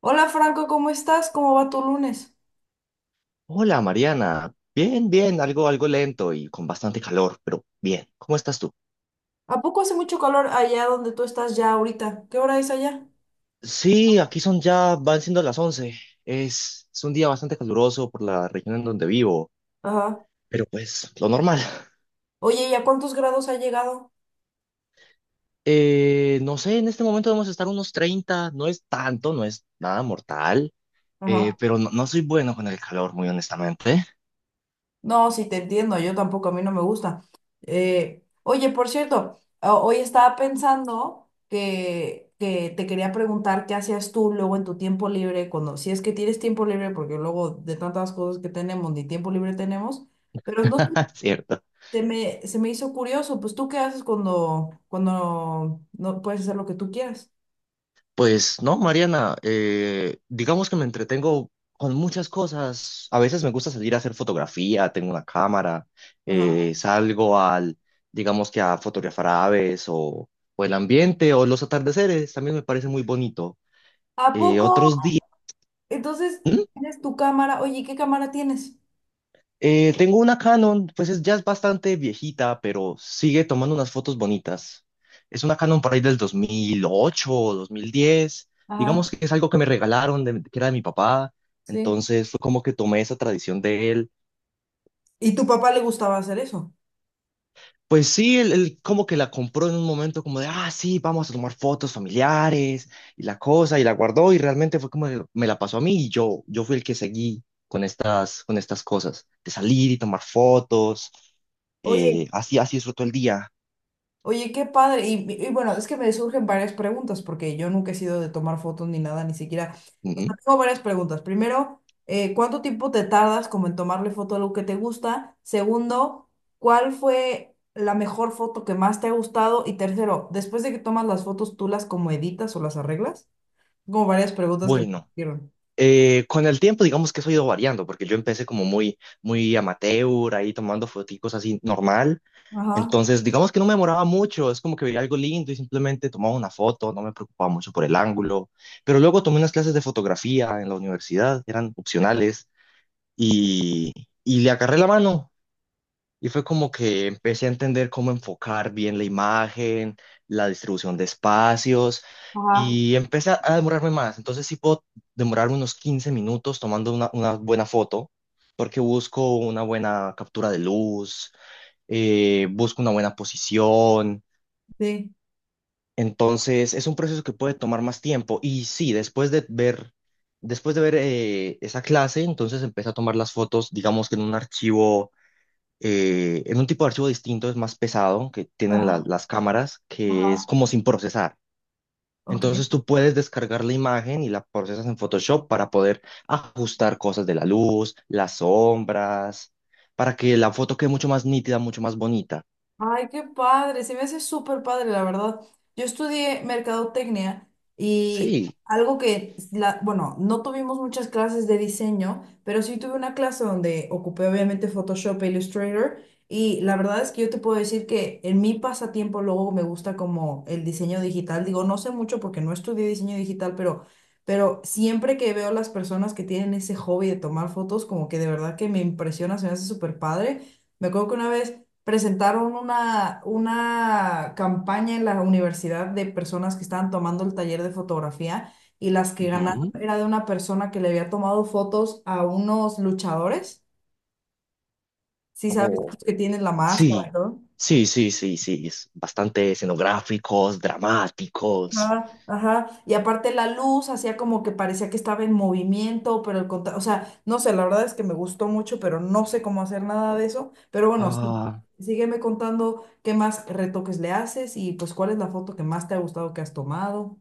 Hola Franco, ¿cómo estás? ¿Cómo va tu lunes? Hola Mariana, bien, bien, algo lento y con bastante calor, pero bien, ¿cómo estás tú? ¿A poco hace mucho calor allá donde tú estás ya ahorita? ¿Qué hora es allá? Sí, aquí son ya, van siendo las 11. Es un día bastante caluroso por la región en donde vivo, Ajá. pero pues lo normal. Oye, ¿y a cuántos grados ha llegado? No sé, en este momento debemos estar unos 30, no es tanto, no es nada mortal, Ajá. pero no, no soy bueno con el calor, muy honestamente. No, sí te entiendo, yo tampoco, a mí no me gusta. Oye, por cierto, hoy estaba pensando que te quería preguntar qué hacías tú luego en tu tiempo libre, cuando si es que tienes tiempo libre, porque luego de tantas cosas que tenemos, ni tiempo libre tenemos, pero no sé. ¿Cierto? Se me hizo curioso, pues tú qué haces cuando no puedes hacer lo que tú quieras. Pues no, Mariana, digamos que me entretengo con muchas cosas. A veces me gusta salir a hacer fotografía, tengo una cámara, Ajá. eh, salgo al, digamos que a fotografiar aves o el ambiente o los atardeceres, también me parece muy bonito. ¿A poco? Otros días. Entonces, tienes tu cámara. Oye, ¿qué cámara tienes? Tengo una Canon, pues es, ya es bastante viejita, pero sigue tomando unas fotos bonitas. Es una Canon por ahí del 2008 o 2010. Ajá, Digamos que es algo que me regalaron, que era de mi papá. sí. Entonces fue como que tomé esa tradición de él. ¿Y tu papá le gustaba hacer eso? Pues sí, él como que la compró en un momento como de, ah, sí, vamos a tomar fotos familiares y la cosa, y la guardó y realmente fue como que me la pasó a mí y yo fui el que seguí con estas cosas, de salir y tomar fotos. Oye, Así, así disfruto el día. oye, qué padre. Bueno, es que me surgen varias preguntas porque yo nunca he sido de tomar fotos ni nada, ni siquiera. O sea, Ujú. tengo varias preguntas. Primero, ¿cuánto tiempo te tardas como en tomarle foto a algo que te gusta? Segundo, ¿cuál fue la mejor foto que más te ha gustado? Y tercero, después de que tomas las fotos, ¿tú las como editas o las arreglas? Como varias preguntas que me Bueno, surgieron. Con el tiempo digamos que eso ha ido variando, porque yo empecé como muy, muy amateur, ahí tomando foticos así normal. Ajá, Entonces, digamos que no me demoraba mucho, es como que veía algo lindo y simplemente tomaba una foto, no me preocupaba mucho por el ángulo. Pero luego tomé unas clases de fotografía en la universidad, eran opcionales, y, y le agarré la mano. Y fue como que empecé a entender cómo enfocar bien la imagen, la distribución de espacios ajá, y empecé a demorarme más. Entonces sí puedo demorarme unos 15 minutos tomando una buena foto porque busco una buena captura de luz, busco una buena posición. sí. Entonces es un proceso que puede tomar más tiempo. Y sí, después de ver esa clase, entonces empecé a tomar las fotos, digamos que en un archivo en un tipo de archivo distinto, es más pesado, que tienen Ajá, las cámaras, que es ajá. como sin procesar. Ok. Entonces tú puedes descargar la imagen y la procesas en Photoshop para poder ajustar cosas de la luz, las sombras, para que la foto quede mucho más nítida, mucho más bonita. Ay, qué padre, se me hace súper padre, la verdad. Yo estudié mercadotecnia y Sí. algo que, bueno, no tuvimos muchas clases de diseño, pero sí tuve una clase donde ocupé obviamente Photoshop e Illustrator, y la verdad es que yo te puedo decir que en mi pasatiempo luego me gusta como el diseño digital. Digo, no sé mucho porque no estudié diseño digital, pero siempre que veo las personas que tienen ese hobby de tomar fotos, como que de verdad que me impresiona, se me hace súper padre. Me acuerdo que una vez presentaron una campaña en la universidad de personas que estaban tomando el taller de fotografía, y las que ganaron Ujú. era de una persona que le había tomado fotos a unos luchadores, si sabes Oh, que tienen la máscara, sí, ¿no? sí, sí, sí, sí. Es bastante escenográficos, dramáticos. Ajá, ajá. Y aparte la luz hacía como que parecía que estaba en movimiento, pero o sea, no sé, la verdad es que me gustó mucho, pero no sé cómo hacer nada de eso. Pero bueno, sí, Ah, sígueme contando qué más retoques le haces y pues cuál es la foto que más te ha gustado que has tomado.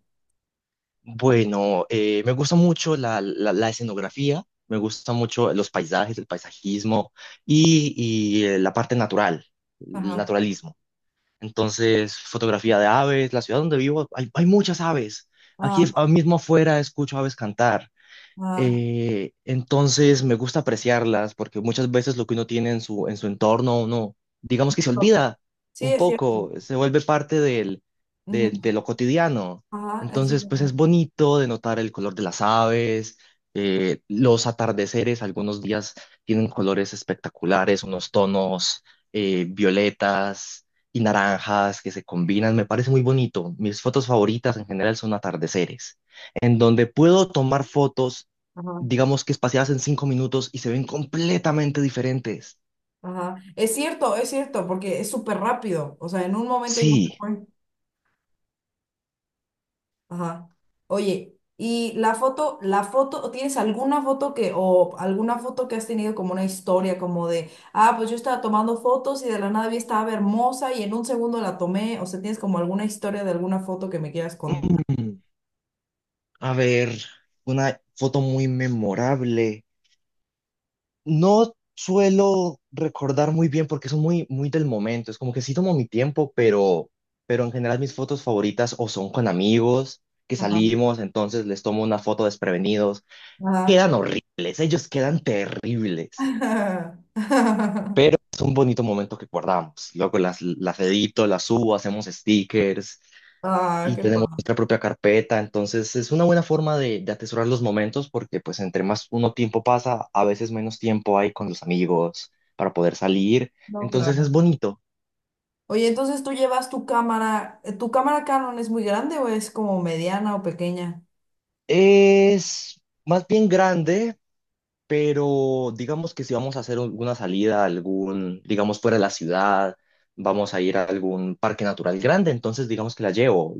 bueno, me gusta mucho la, la escenografía, me gusta mucho los paisajes, el paisajismo y, y la parte natural, el Ajá, naturalismo. Entonces, fotografía de aves, la ciudad donde vivo, hay muchas aves. Aquí, ajá, ahora mismo afuera, escucho aves cantar. ajá. Entonces me gusta apreciarlas porque muchas veces lo que uno tiene en su entorno, uno, digamos que se No, olvida sí, un es cierto. poco, se vuelve parte del, Ujú. De lo cotidiano. Ajá, es Entonces, pues cierto. es bonito de notar el color de las aves, los atardeceres, algunos días tienen colores espectaculares, unos tonos violetas y naranjas que se combinan, me parece muy bonito. Mis fotos favoritas en general son atardeceres en donde puedo tomar fotos Ajá, digamos que espaciadas en 5 minutos y se ven completamente diferentes. ajá. Es cierto, porque es súper rápido. O sea, en un momento ya se Sí. fue. Ajá. Oye, ¿y la foto, tienes alguna foto que, o alguna foto que has tenido como una historia, como de, ah, pues yo estaba tomando fotos y de la nada vi estaba hermosa y en un segundo la tomé? O sea, ¿tienes como alguna historia de alguna foto que me quieras contar? Mm, A ver, una foto muy memorable. No suelo recordar muy bien porque son muy, muy del momento. Es como que sí tomo mi tiempo, pero en general mis fotos favoritas o son con amigos que Ajá. salimos, entonces les tomo una foto desprevenidos. Ajá. Quedan horribles, ellos quedan terribles, pero es un bonito momento que guardamos. Luego las edito, las subo, hacemos stickers. Ah, Y qué tenemos padre. nuestra propia carpeta, entonces es una buena forma de atesorar los momentos porque pues entre más uno tiempo pasa, a veces menos tiempo hay con los amigos para poder salir, No, entonces es claro. bonito. Oye, entonces tú llevas ¿tu cámara Canon es muy grande o es como mediana o pequeña? Es más bien grande, pero digamos que si vamos a hacer alguna salida, algún, digamos fuera de la ciudad, vamos a ir a algún parque natural grande, entonces digamos que la llevo,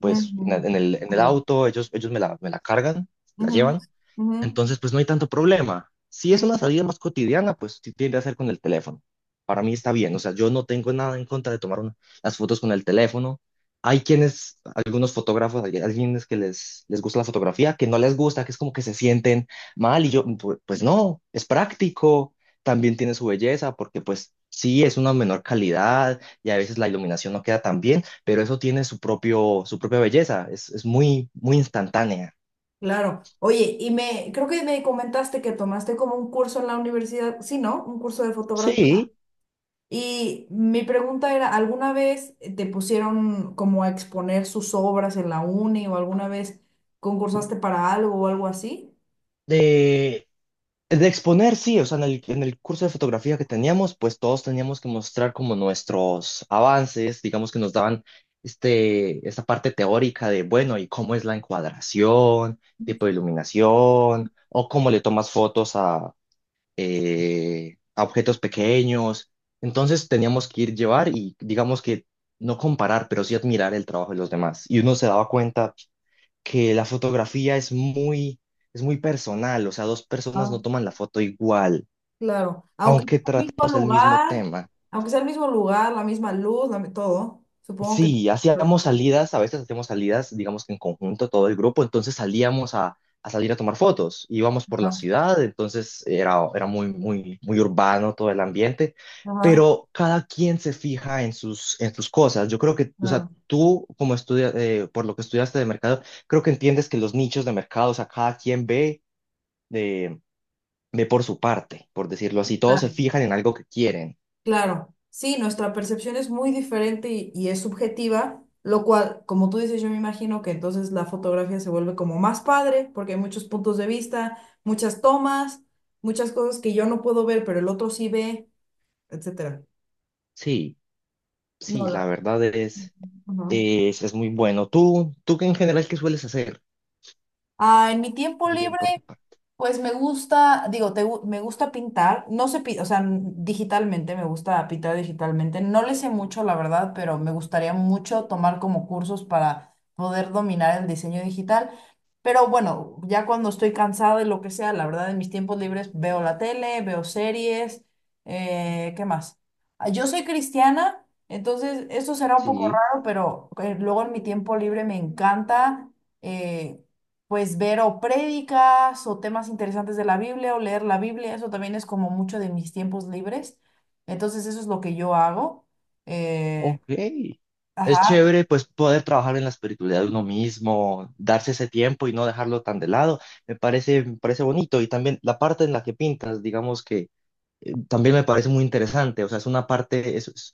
pues Ujú. En el Ah, auto, ellos, me la cargan, la ujú, llevan. ujú, Entonces, pues no hay tanto problema. Si es ujú. una salida más cotidiana, pues sí tiende a ser con el teléfono. Para mí está bien, o sea, yo no tengo nada en contra de las fotos con el teléfono. Hay quienes, algunos fotógrafos, hay algunos que les gusta la fotografía, que no les gusta, que es como que se sienten mal y yo, pues no, es práctico, también tiene su belleza, porque pues sí, es una menor calidad y a veces la iluminación no queda tan bien, pero eso tiene su propio, su propia belleza, es muy, muy instantánea. Claro. Oye, y me, creo que me comentaste que tomaste como un curso en la universidad, sí, ¿no? Un curso de fotografía. Sí. Y mi pregunta era, ¿alguna vez te pusieron como a exponer sus obras en la uni o alguna vez concursaste para algo o algo así? De exponer, sí, o sea, en el curso de fotografía que teníamos, pues todos teníamos que mostrar como nuestros avances, digamos que nos daban esta parte teórica de, bueno, y cómo es la encuadración, tipo de iluminación, o cómo le tomas fotos a objetos pequeños. Entonces teníamos que ir llevar y digamos que no comparar, pero sí admirar el trabajo de los demás. Y uno se daba cuenta que la fotografía es muy personal, o sea, dos personas no toman la foto igual, Claro, aunque sea aunque el mismo tratemos el mismo lugar, tema. aunque sea el mismo lugar, la misma luz, todo, supongo que... Sí, hacíamos salidas, a veces hacíamos salidas, digamos que en conjunto, todo el grupo, entonces salíamos a salir a tomar fotos, íbamos por la Ajá, ciudad, entonces era muy, muy, muy urbano todo el ambiente, ajá, pero cada quien se fija en sus cosas. Yo creo que, o sea, claro, tú como estudia, por lo que estudiaste de mercado, creo que entiendes que los nichos de mercado, o sea, cada quien ve ve por su parte, por decirlo así. Todos se claro. fijan en algo que quieren. Claro. Sí, nuestra percepción es muy diferente y es subjetiva, lo cual, como tú dices, yo me imagino que entonces la fotografía se vuelve como más padre, porque hay muchos puntos de vista, muchas tomas, muchas cosas que yo no puedo ver, pero el otro sí ve, etcétera. Sí, No, sí, la la- verdad Ajá. Es muy bueno. ¿Tú, tú que en general qué sueles hacer? Ah, en mi tiempo libre. También por tu parte. Pues me gusta, digo, me gusta pintar, no sé, o sea, digitalmente, me gusta pintar digitalmente, no le sé mucho, la verdad, pero me gustaría mucho tomar como cursos para poder dominar el diseño digital, pero bueno, ya cuando estoy cansada y lo que sea, la verdad, en mis tiempos libres veo la tele, veo series, ¿qué más? Ah, yo soy cristiana, entonces esto será un poco Sí, raro, pero luego en mi tiempo libre me encanta. eh, pues ver o prédicas o temas interesantes de la Biblia o leer la Biblia, eso también es como mucho de mis tiempos libres. Entonces eso es lo que yo hago. Eh, ok. Es ajá, chévere pues poder trabajar en la espiritualidad de uno mismo, darse ese tiempo y no dejarlo tan de lado. Me parece bonito y también la parte en la que pintas, digamos que también me parece muy interesante. O sea, es una parte, es…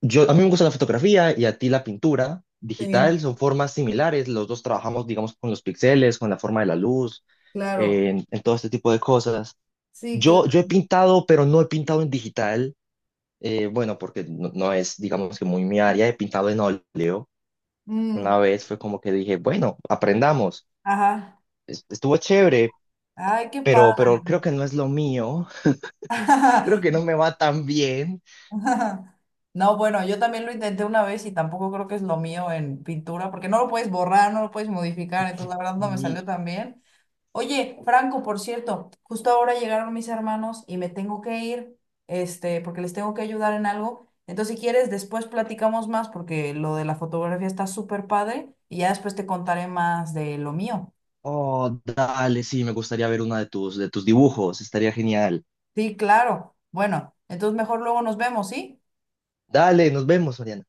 Yo, a mí me gusta la fotografía y a ti la pintura sí, digital, son formas similares, los dos trabajamos, digamos, con los píxeles, con la forma de la luz, claro, en todo este tipo de cosas. sí, claro. Yo he pintado, pero no he pintado en digital, bueno, porque no, no es, digamos, que muy mi área, he pintado en óleo. Una Mm, vez fue como que dije, bueno, aprendamos, ajá, estuvo chévere, ay, qué padre. pero creo que no es lo mío. Creo que no me va tan bien. No, bueno, yo también lo intenté una vez y tampoco creo que es lo mío en pintura, porque no lo puedes borrar, no lo puedes modificar, entonces la verdad no me Y, salió tan bien. Oye, Franco, por cierto, justo ahora llegaron mis hermanos y me tengo que ir, este, porque les tengo que ayudar en algo. Entonces, si quieres, después platicamos más porque lo de la fotografía está súper padre y ya después te contaré más de lo mío. oh, dale, sí, me gustaría ver una de tus dibujos, estaría genial. Sí, claro. Bueno, entonces mejor luego nos vemos, ¿sí? Dale, nos vemos, Oriana.